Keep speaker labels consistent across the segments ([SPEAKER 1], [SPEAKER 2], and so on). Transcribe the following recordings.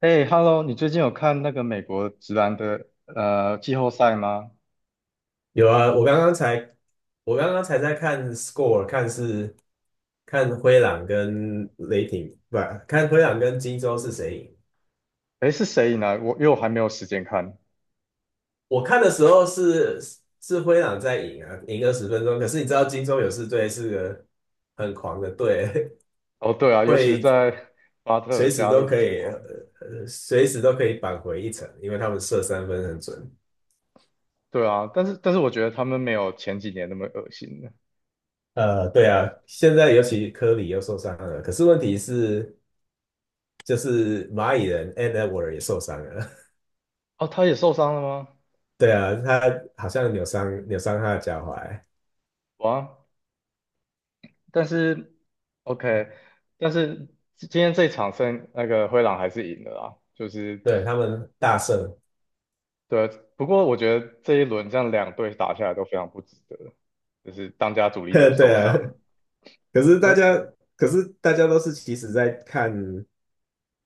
[SPEAKER 1] 哎，Hello，你最近有看那个美国直男的季后赛吗？
[SPEAKER 2] 有啊，我刚刚才在看 score，看是看灰狼跟雷霆，不，看灰狼跟金州是谁赢。
[SPEAKER 1] 哎，是谁赢了？因为我还没有时间看。
[SPEAKER 2] 我看的时候是是灰狼在赢啊，赢20分钟。可是你知道金州勇士队是个很狂的队，
[SPEAKER 1] 哦，对啊，尤其是
[SPEAKER 2] 会
[SPEAKER 1] 在 巴特
[SPEAKER 2] 随时
[SPEAKER 1] 加
[SPEAKER 2] 都
[SPEAKER 1] 入
[SPEAKER 2] 可
[SPEAKER 1] 之
[SPEAKER 2] 以，
[SPEAKER 1] 后，
[SPEAKER 2] 随时都可以扳回一城，因为他们射三分很准。
[SPEAKER 1] 对啊，但是我觉得他们没有前几年那么恶心了。
[SPEAKER 2] 对啊，现在尤其科里又受伤了，可是问题是就是蚂蚁人 and Edward 也受伤了。
[SPEAKER 1] 哦，他也受伤了吗？
[SPEAKER 2] 对啊，他好像扭伤他的脚踝，
[SPEAKER 1] 哇，但是 OK，但是今天这一场胜那个灰狼还是赢了啦，就是
[SPEAKER 2] 对，他们大胜，
[SPEAKER 1] 对，不过我觉得这一轮这样两队打下来都非常不值得，就是当家主力都
[SPEAKER 2] 对
[SPEAKER 1] 受
[SPEAKER 2] 啊，
[SPEAKER 1] 伤。
[SPEAKER 2] 可是大
[SPEAKER 1] 有
[SPEAKER 2] 家都是其实在看，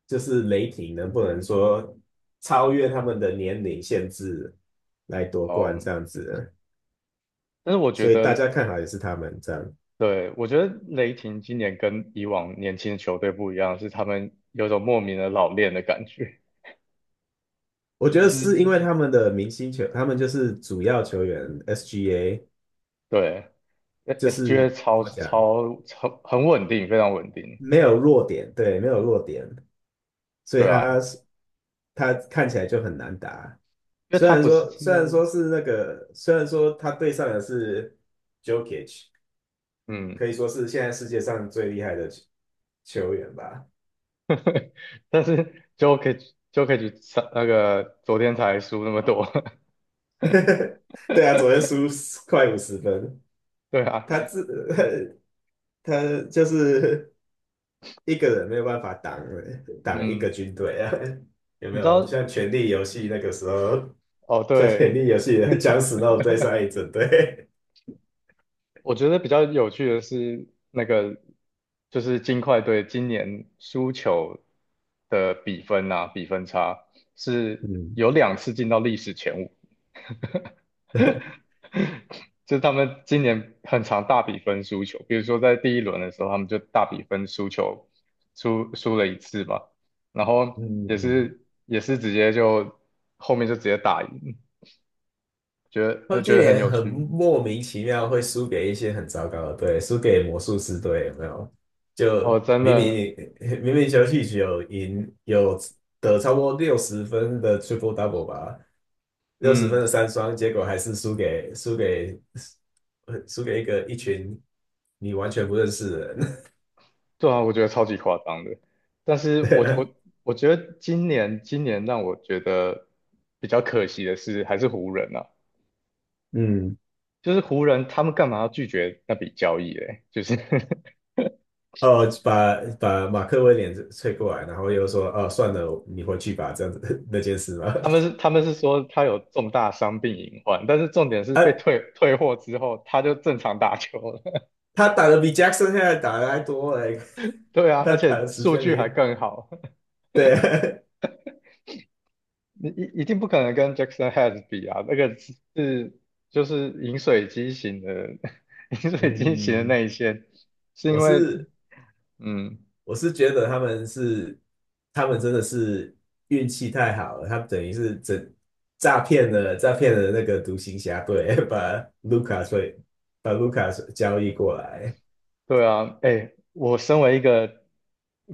[SPEAKER 2] 就是雷霆能不能说超越他们的年龄限制来夺冠
[SPEAKER 1] 哦，
[SPEAKER 2] 这样子，
[SPEAKER 1] 但是我觉
[SPEAKER 2] 所以大
[SPEAKER 1] 得，
[SPEAKER 2] 家看好也是他们这样。
[SPEAKER 1] 对，我觉得雷霆今年跟以往年轻的球队不一样，是他们有种莫名的老练的感觉，
[SPEAKER 2] 我觉
[SPEAKER 1] 就
[SPEAKER 2] 得
[SPEAKER 1] 是
[SPEAKER 2] 是因为他们的明星球，他们就是主要球员 SGA，
[SPEAKER 1] 对
[SPEAKER 2] 就是
[SPEAKER 1] ，SGA
[SPEAKER 2] 怎
[SPEAKER 1] 超
[SPEAKER 2] 么讲，
[SPEAKER 1] 超超很稳定，非常稳定，
[SPEAKER 2] 没有弱点，对，没有弱点，所以
[SPEAKER 1] 对啊，
[SPEAKER 2] 他看起来就很难打。
[SPEAKER 1] 因为他不是，
[SPEAKER 2] 虽然说他对上的是 Jokic，
[SPEAKER 1] 嗯，
[SPEAKER 2] 可以说是现在世界上最厉害的球员吧。
[SPEAKER 1] 但是 Jokic 上那个昨天才输那么多，
[SPEAKER 2] 对啊，昨天 输快50分，
[SPEAKER 1] 对啊，
[SPEAKER 2] 他自 他就是一个人没有办法挡一个
[SPEAKER 1] 嗯，
[SPEAKER 2] 军队啊，有没
[SPEAKER 1] 你知
[SPEAKER 2] 有？像
[SPEAKER 1] 道，
[SPEAKER 2] 《权力游戏》那个时候，
[SPEAKER 1] 哦，
[SPEAKER 2] 像
[SPEAKER 1] 对，
[SPEAKER 2] 《权力游戏》的 僵死那种对上一整队。
[SPEAKER 1] 我觉得比较有趣的是那个，就是金块队今年输球的比分啊，比分差 是
[SPEAKER 2] 嗯
[SPEAKER 1] 有两次进到历史前五，就是他们今年很常大比分输球，比如说在第一轮的时候，他们就大比分输球，输了一次嘛，然后
[SPEAKER 2] 嗯
[SPEAKER 1] 也
[SPEAKER 2] 嗯，
[SPEAKER 1] 是也是直接就后面就直接打赢，觉得
[SPEAKER 2] 他们今
[SPEAKER 1] 觉得很
[SPEAKER 2] 年
[SPEAKER 1] 有
[SPEAKER 2] 很
[SPEAKER 1] 趣
[SPEAKER 2] 莫名其妙会输给一些很糟糕的队，输给魔术师队有没有？
[SPEAKER 1] 哦，
[SPEAKER 2] 就
[SPEAKER 1] 真
[SPEAKER 2] 明
[SPEAKER 1] 的，
[SPEAKER 2] 明 明明休息只有赢有得超过六十分的 triple double 吧，60分
[SPEAKER 1] 嗯。
[SPEAKER 2] 的三双，结果还是输给输给一个一群你完全不认识的人。
[SPEAKER 1] 对啊，我觉得超级夸张的。但 是
[SPEAKER 2] 对
[SPEAKER 1] 我
[SPEAKER 2] 啊
[SPEAKER 1] 我我觉得今年让我觉得比较可惜的是，还是湖人啊，
[SPEAKER 2] 嗯，
[SPEAKER 1] 就是湖人他们干嘛要拒绝那笔交易嘞？就是
[SPEAKER 2] 哦，把马克威廉吹过来，然后又说：“哦，算了，你回去吧。”这样子 那件事嘛，
[SPEAKER 1] 他们是 他们是说他有重大伤病隐患，但是重点是
[SPEAKER 2] 啊，
[SPEAKER 1] 被退货之后他就正常打球了。
[SPEAKER 2] 他打的比 Jackson 现在打的还多嘞，
[SPEAKER 1] 对啊，
[SPEAKER 2] 他
[SPEAKER 1] 而
[SPEAKER 2] 打
[SPEAKER 1] 且
[SPEAKER 2] 的时
[SPEAKER 1] 数
[SPEAKER 2] 间比
[SPEAKER 1] 据还更好。
[SPEAKER 2] 对，
[SPEAKER 1] 你一定不可能跟 Jackson Head 比啊，那个是就是饮水机型的，饮 水机型的
[SPEAKER 2] 嗯，
[SPEAKER 1] 内线，是
[SPEAKER 2] 我
[SPEAKER 1] 因为
[SPEAKER 2] 是
[SPEAKER 1] 嗯，
[SPEAKER 2] 觉得他们是真的是运气太好了，他们等于是整诈骗了那个独行侠队，把卢卡税把卢卡交易过来，
[SPEAKER 1] 对啊，哎，我身为一个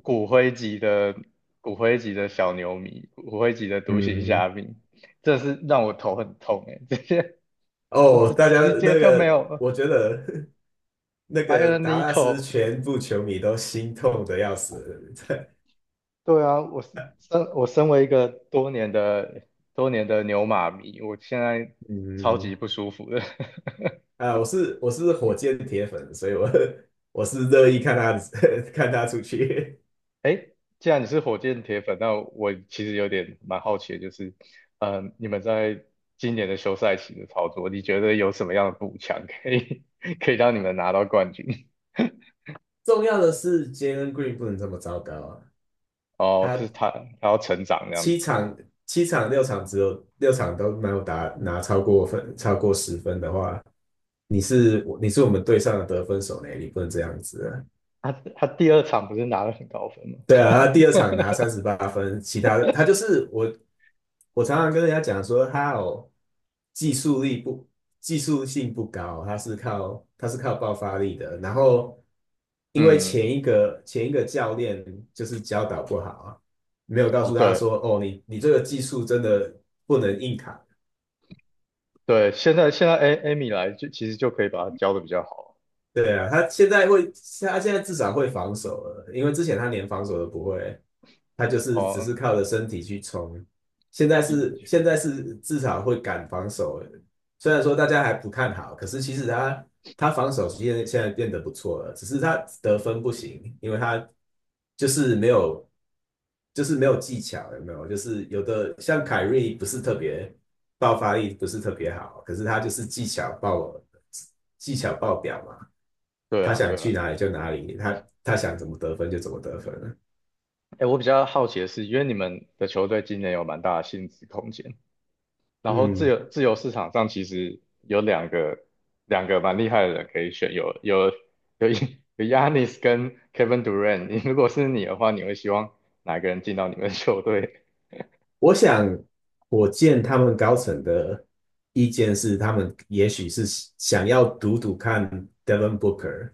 [SPEAKER 1] 骨灰级的骨灰级的小牛迷，骨灰级的独行
[SPEAKER 2] 嗯，
[SPEAKER 1] 侠迷，这是让我头很痛哎，这些 我们
[SPEAKER 2] 哦，
[SPEAKER 1] 直
[SPEAKER 2] 大家
[SPEAKER 1] 直接
[SPEAKER 2] 那
[SPEAKER 1] 就没
[SPEAKER 2] 个
[SPEAKER 1] 有
[SPEAKER 2] 我觉得 那个
[SPEAKER 1] Iron
[SPEAKER 2] 达拉斯
[SPEAKER 1] Nico，
[SPEAKER 2] 全部球迷都心痛的要死，
[SPEAKER 1] 对啊，我身为一个多年的多年的牛马迷，我现在 超级
[SPEAKER 2] 嗯，
[SPEAKER 1] 不舒服的。
[SPEAKER 2] 啊，我是火箭铁粉，所以我 我是乐意看他 看他出去。
[SPEAKER 1] 哎既然你是火箭铁粉，那我其实有点蛮好奇的，就是，嗯、你们在今年的休赛期的操作，你觉得有什么样的补强可以 可以让你们拿到冠军？
[SPEAKER 2] 重要的是，Jalen Green 不能这么糟糕啊！
[SPEAKER 1] 哦，这是
[SPEAKER 2] 他
[SPEAKER 1] 他要成长这样
[SPEAKER 2] 七
[SPEAKER 1] 子。
[SPEAKER 2] 场六场都没有打拿超过分十分的话，你是我们队上的得分手呢，你不能这样子啊。
[SPEAKER 1] 他第二场不是拿了很高分吗？
[SPEAKER 2] 对 啊，他第二场拿38分，其他的他就是我常常跟人家讲说，他有技术力不技术性不高，他是靠爆发力的。然后因为
[SPEAKER 1] 嗯，
[SPEAKER 2] 前一个教练就是教导不好啊，没有告
[SPEAKER 1] 哦
[SPEAKER 2] 诉他
[SPEAKER 1] 对
[SPEAKER 2] 说，哦，你这个技术真的不能硬扛，
[SPEAKER 1] 对，现在艾米来就其实就可以把他教的比较好。
[SPEAKER 2] 对啊，他现在会，他现在至少会防守了，因为之前他连防守都不会，他就是只是
[SPEAKER 1] 哦，
[SPEAKER 2] 靠着身体去冲。现在
[SPEAKER 1] 的
[SPEAKER 2] 是
[SPEAKER 1] 确，
[SPEAKER 2] 至少会敢防守了，虽然说大家还不看好，可是其实他防守现在变得不错了，只是他得分不行，因为他就是没有技巧，有没有？就是有的像凯瑞不是特别爆发力不是特别好，可是他就是技巧爆表嘛。
[SPEAKER 1] 对
[SPEAKER 2] 他
[SPEAKER 1] 啊，对
[SPEAKER 2] 想去
[SPEAKER 1] 啊。
[SPEAKER 2] 哪里就哪里，他想怎么得分就怎么得分了。
[SPEAKER 1] 哎，我比较好奇的是，因为你们的球队今年有蛮大的薪资空间，然后自
[SPEAKER 2] 嗯，
[SPEAKER 1] 由自由市场上其实有两个蛮厉害的人可以选，有 有 Yanis 跟 Kevin Durant。你如果是你的话，你会希望哪一个人进到你们的球队
[SPEAKER 2] 我想火箭他们高层的意见是，他们也许是想要赌赌看 Devin Booker。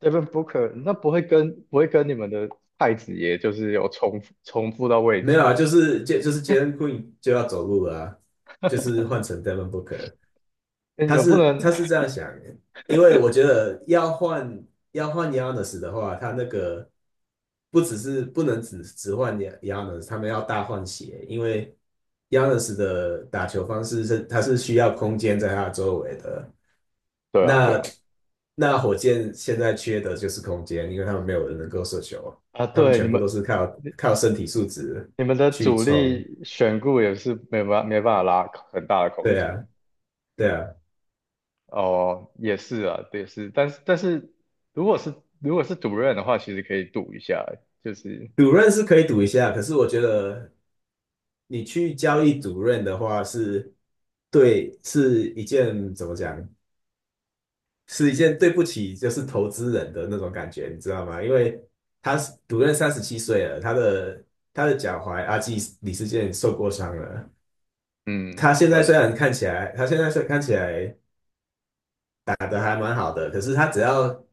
[SPEAKER 1] ？Devin Booker，那不会跟你们的太子爷就是有重复到位
[SPEAKER 2] 没
[SPEAKER 1] 置
[SPEAKER 2] 有
[SPEAKER 1] 吗？
[SPEAKER 2] 啊，就是杰就是 Jalen Green 就要走路了啊，就是换成 Devin Booker。
[SPEAKER 1] 哎，你
[SPEAKER 2] 他
[SPEAKER 1] 们不
[SPEAKER 2] 是
[SPEAKER 1] 能
[SPEAKER 2] 这样想，因为我觉得要换Yanis 的话，他那个不只是不能只换 Yanis，他们要大换血，因为 Yanis 的打球方式是他是需要空间在他周围的。
[SPEAKER 1] 对啊，对
[SPEAKER 2] 那
[SPEAKER 1] 啊，
[SPEAKER 2] 那火箭现在缺的就是空间，因为他们没有人能够射球，
[SPEAKER 1] 啊，
[SPEAKER 2] 他们
[SPEAKER 1] 对，你
[SPEAKER 2] 全部
[SPEAKER 1] 们。
[SPEAKER 2] 都是靠身体素质
[SPEAKER 1] 你们的
[SPEAKER 2] 去
[SPEAKER 1] 主
[SPEAKER 2] 冲。
[SPEAKER 1] 力选股也是没办法拉很大的空
[SPEAKER 2] 对
[SPEAKER 1] 间
[SPEAKER 2] 啊，对啊。
[SPEAKER 1] 哦，也是啊，也是，但是但是如果是赌任的话，其实可以赌一下，就是
[SPEAKER 2] 主任是可以赌一下，可是我觉得你去交易主任的话是，对，是一件怎么讲，是一件对不起就是投资人的那种感觉，你知道吗？因为他是主任37岁了，他的脚踝阿基李世健受过伤了，
[SPEAKER 1] 嗯，
[SPEAKER 2] 他现在
[SPEAKER 1] 对，
[SPEAKER 2] 虽然看起来，他现在虽然看起来打得还蛮好的，可是他只要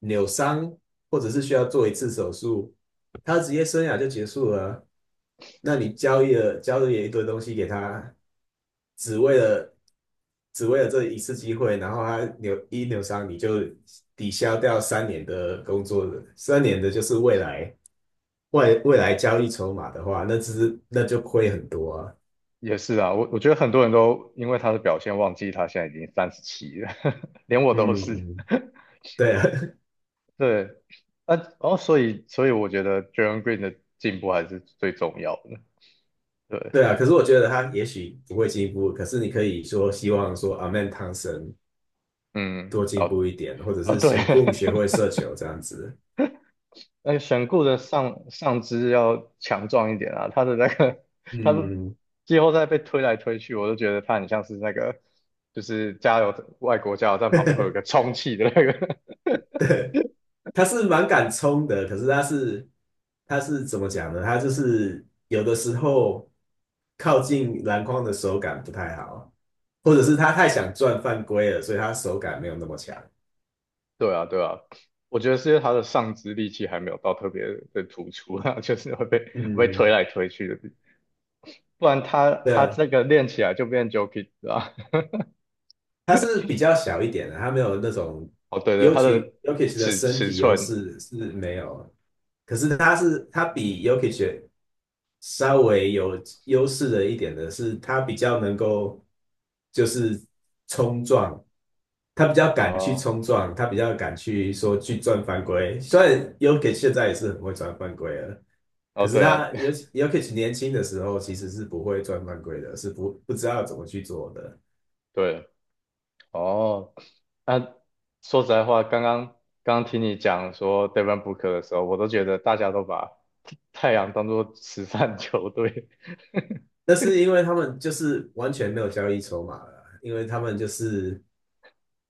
[SPEAKER 2] 扭伤或者是需要做一次手术，他的职业生涯就结束了啊那你交易了一堆东西给他，只为了这一次机会，然后他扭一扭伤，你就抵消掉三年的工作，三年的就是未来未来交易筹码的话，那只是那就亏很多啊。
[SPEAKER 1] 也是啊，我觉得很多人都因为他的表现忘记他现在已经37了，连我都
[SPEAKER 2] 嗯
[SPEAKER 1] 是，
[SPEAKER 2] 嗯，对啊，
[SPEAKER 1] 对，啊，哦，所以我觉得 John Green 的进步还是最重要的，对，
[SPEAKER 2] 对啊，可是我觉得他也许不会进步，可是你可以说希望说阿曼汤神
[SPEAKER 1] 嗯，
[SPEAKER 2] 多进
[SPEAKER 1] 哦
[SPEAKER 2] 步一点，或者
[SPEAKER 1] 哦
[SPEAKER 2] 是
[SPEAKER 1] 对。
[SPEAKER 2] 先共学会 射球这样子。
[SPEAKER 1] 那个选固的上肢要强壮一点啊，他的那个 他的
[SPEAKER 2] 嗯，
[SPEAKER 1] 季后赛被推来推去，我都觉得他很像是那个就是外国加油站旁边会有一个充气的那个。
[SPEAKER 2] 他是蛮敢冲的，可是他是怎么讲呢？他就是有的时候靠近篮筐的手感不太好，或者是他太想赚犯规了，所以他手感没有那么强。
[SPEAKER 1] 对啊，对啊，我觉得是因为他的上肢力气还没有到特别的突出啊，就是会被推
[SPEAKER 2] 嗯，
[SPEAKER 1] 来推去的，不然他
[SPEAKER 2] 对
[SPEAKER 1] 他
[SPEAKER 2] 啊，
[SPEAKER 1] 这个练起来就变 Jokic 了啊。
[SPEAKER 2] 他是比较小一点的，他没有那种
[SPEAKER 1] 哦，对对，
[SPEAKER 2] 尤
[SPEAKER 1] 他
[SPEAKER 2] 其
[SPEAKER 1] 的
[SPEAKER 2] j o k i 的
[SPEAKER 1] 尺
[SPEAKER 2] 身
[SPEAKER 1] 尺
[SPEAKER 2] 体优
[SPEAKER 1] 寸
[SPEAKER 2] 势是没有，可是他是比 Jokic 稍微有优势的一点的是，他比较能够就是冲撞，他比较敢去
[SPEAKER 1] 哦
[SPEAKER 2] 冲撞，他比较敢去说去赚犯规。虽然 Jokic 现在也是很会赚犯规了，可
[SPEAKER 1] 哦，
[SPEAKER 2] 是
[SPEAKER 1] 对啊，
[SPEAKER 2] 他尤其 Jokic 年轻的时候其实是不会赚犯规的，是不不知道怎么去做的。
[SPEAKER 1] 对，哦，那说实在话，刚刚听你讲说 Devin Booker 的时候，我都觉得大家都把太阳当做慈善球队，
[SPEAKER 2] 那是因为他们就是完全没有交易筹码了啊，因为他们就是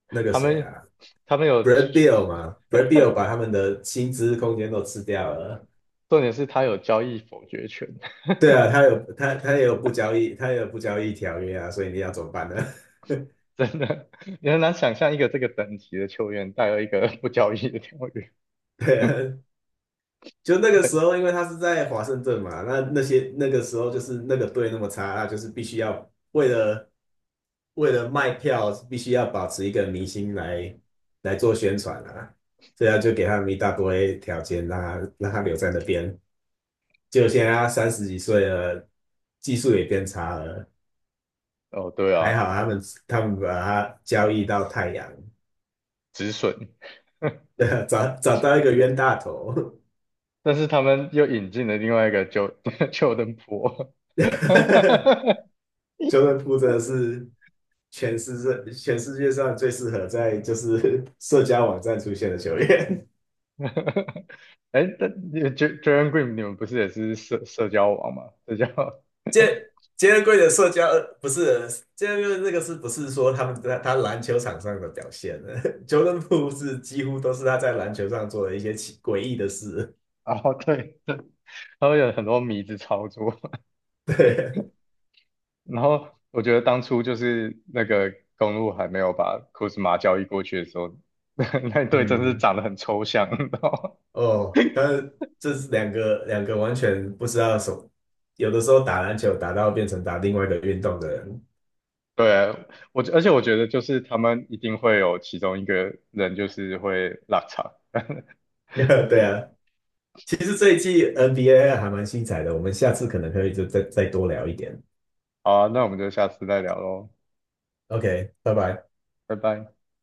[SPEAKER 2] 那个
[SPEAKER 1] 他
[SPEAKER 2] 谁
[SPEAKER 1] 们
[SPEAKER 2] 啊
[SPEAKER 1] 他们有，
[SPEAKER 2] ，Brad b i l l 嘛，Brad b i l l 把他们的薪资空间都吃掉了。
[SPEAKER 1] 重点是他有交易否决权，
[SPEAKER 2] 对啊，他有他也有不交易，条约啊，所以你要怎么办呢？
[SPEAKER 1] 真的，你很难想象一个这个等级的球员带了一个不交易的条约。
[SPEAKER 2] 对啊，就那个时候，因为他是在华盛顿嘛，那个时候就是那个队那么差，那就是必须要为了卖票，必须要保持一个明星来做宣传啊，这样就给他们一大堆条件，让他留在那边。就现在他30几岁了，技术也变差了，
[SPEAKER 1] 哦，对
[SPEAKER 2] 还
[SPEAKER 1] 啊，
[SPEAKER 2] 好他们把他交易到太阳，
[SPEAKER 1] 止损，
[SPEAKER 2] 找到一个冤大头，
[SPEAKER 1] 但是他们又引进了另外一个 Jo- Jorda
[SPEAKER 2] 就 o r 真的是。全世界上最适合在就是 社交网站出现的球员。
[SPEAKER 1] 哎，但你 J- Jalen Green 你们不是也是社交网吗？社交，
[SPEAKER 2] 杰杰伦贵的社交不是杰伦贵那个是不是说他们在他篮球场上的表现呢球 o 布是几乎都是他在篮球上做的一些奇诡异的事。
[SPEAKER 1] 哦，对，他们有很多迷之操作。
[SPEAKER 2] 对，
[SPEAKER 1] 然后我觉得当初就是那个公路还没有把库兹马交易过去的时候，那队真是
[SPEAKER 2] 嗯，
[SPEAKER 1] 长得很抽象，你知道吗
[SPEAKER 2] 哦，但是这是两个完全不知道什么，有的时候打篮球打到变成打另外一个运动的人。
[SPEAKER 1] 对，而且我觉得就是他们一定会有其中一个人就是会落场。
[SPEAKER 2] 对啊，其实这一季 NBA 还蛮精彩的，我们下次可能可以就再多聊一点。
[SPEAKER 1] 好啊，那我们就下次再聊喽，
[SPEAKER 2] OK，拜拜。
[SPEAKER 1] 拜拜。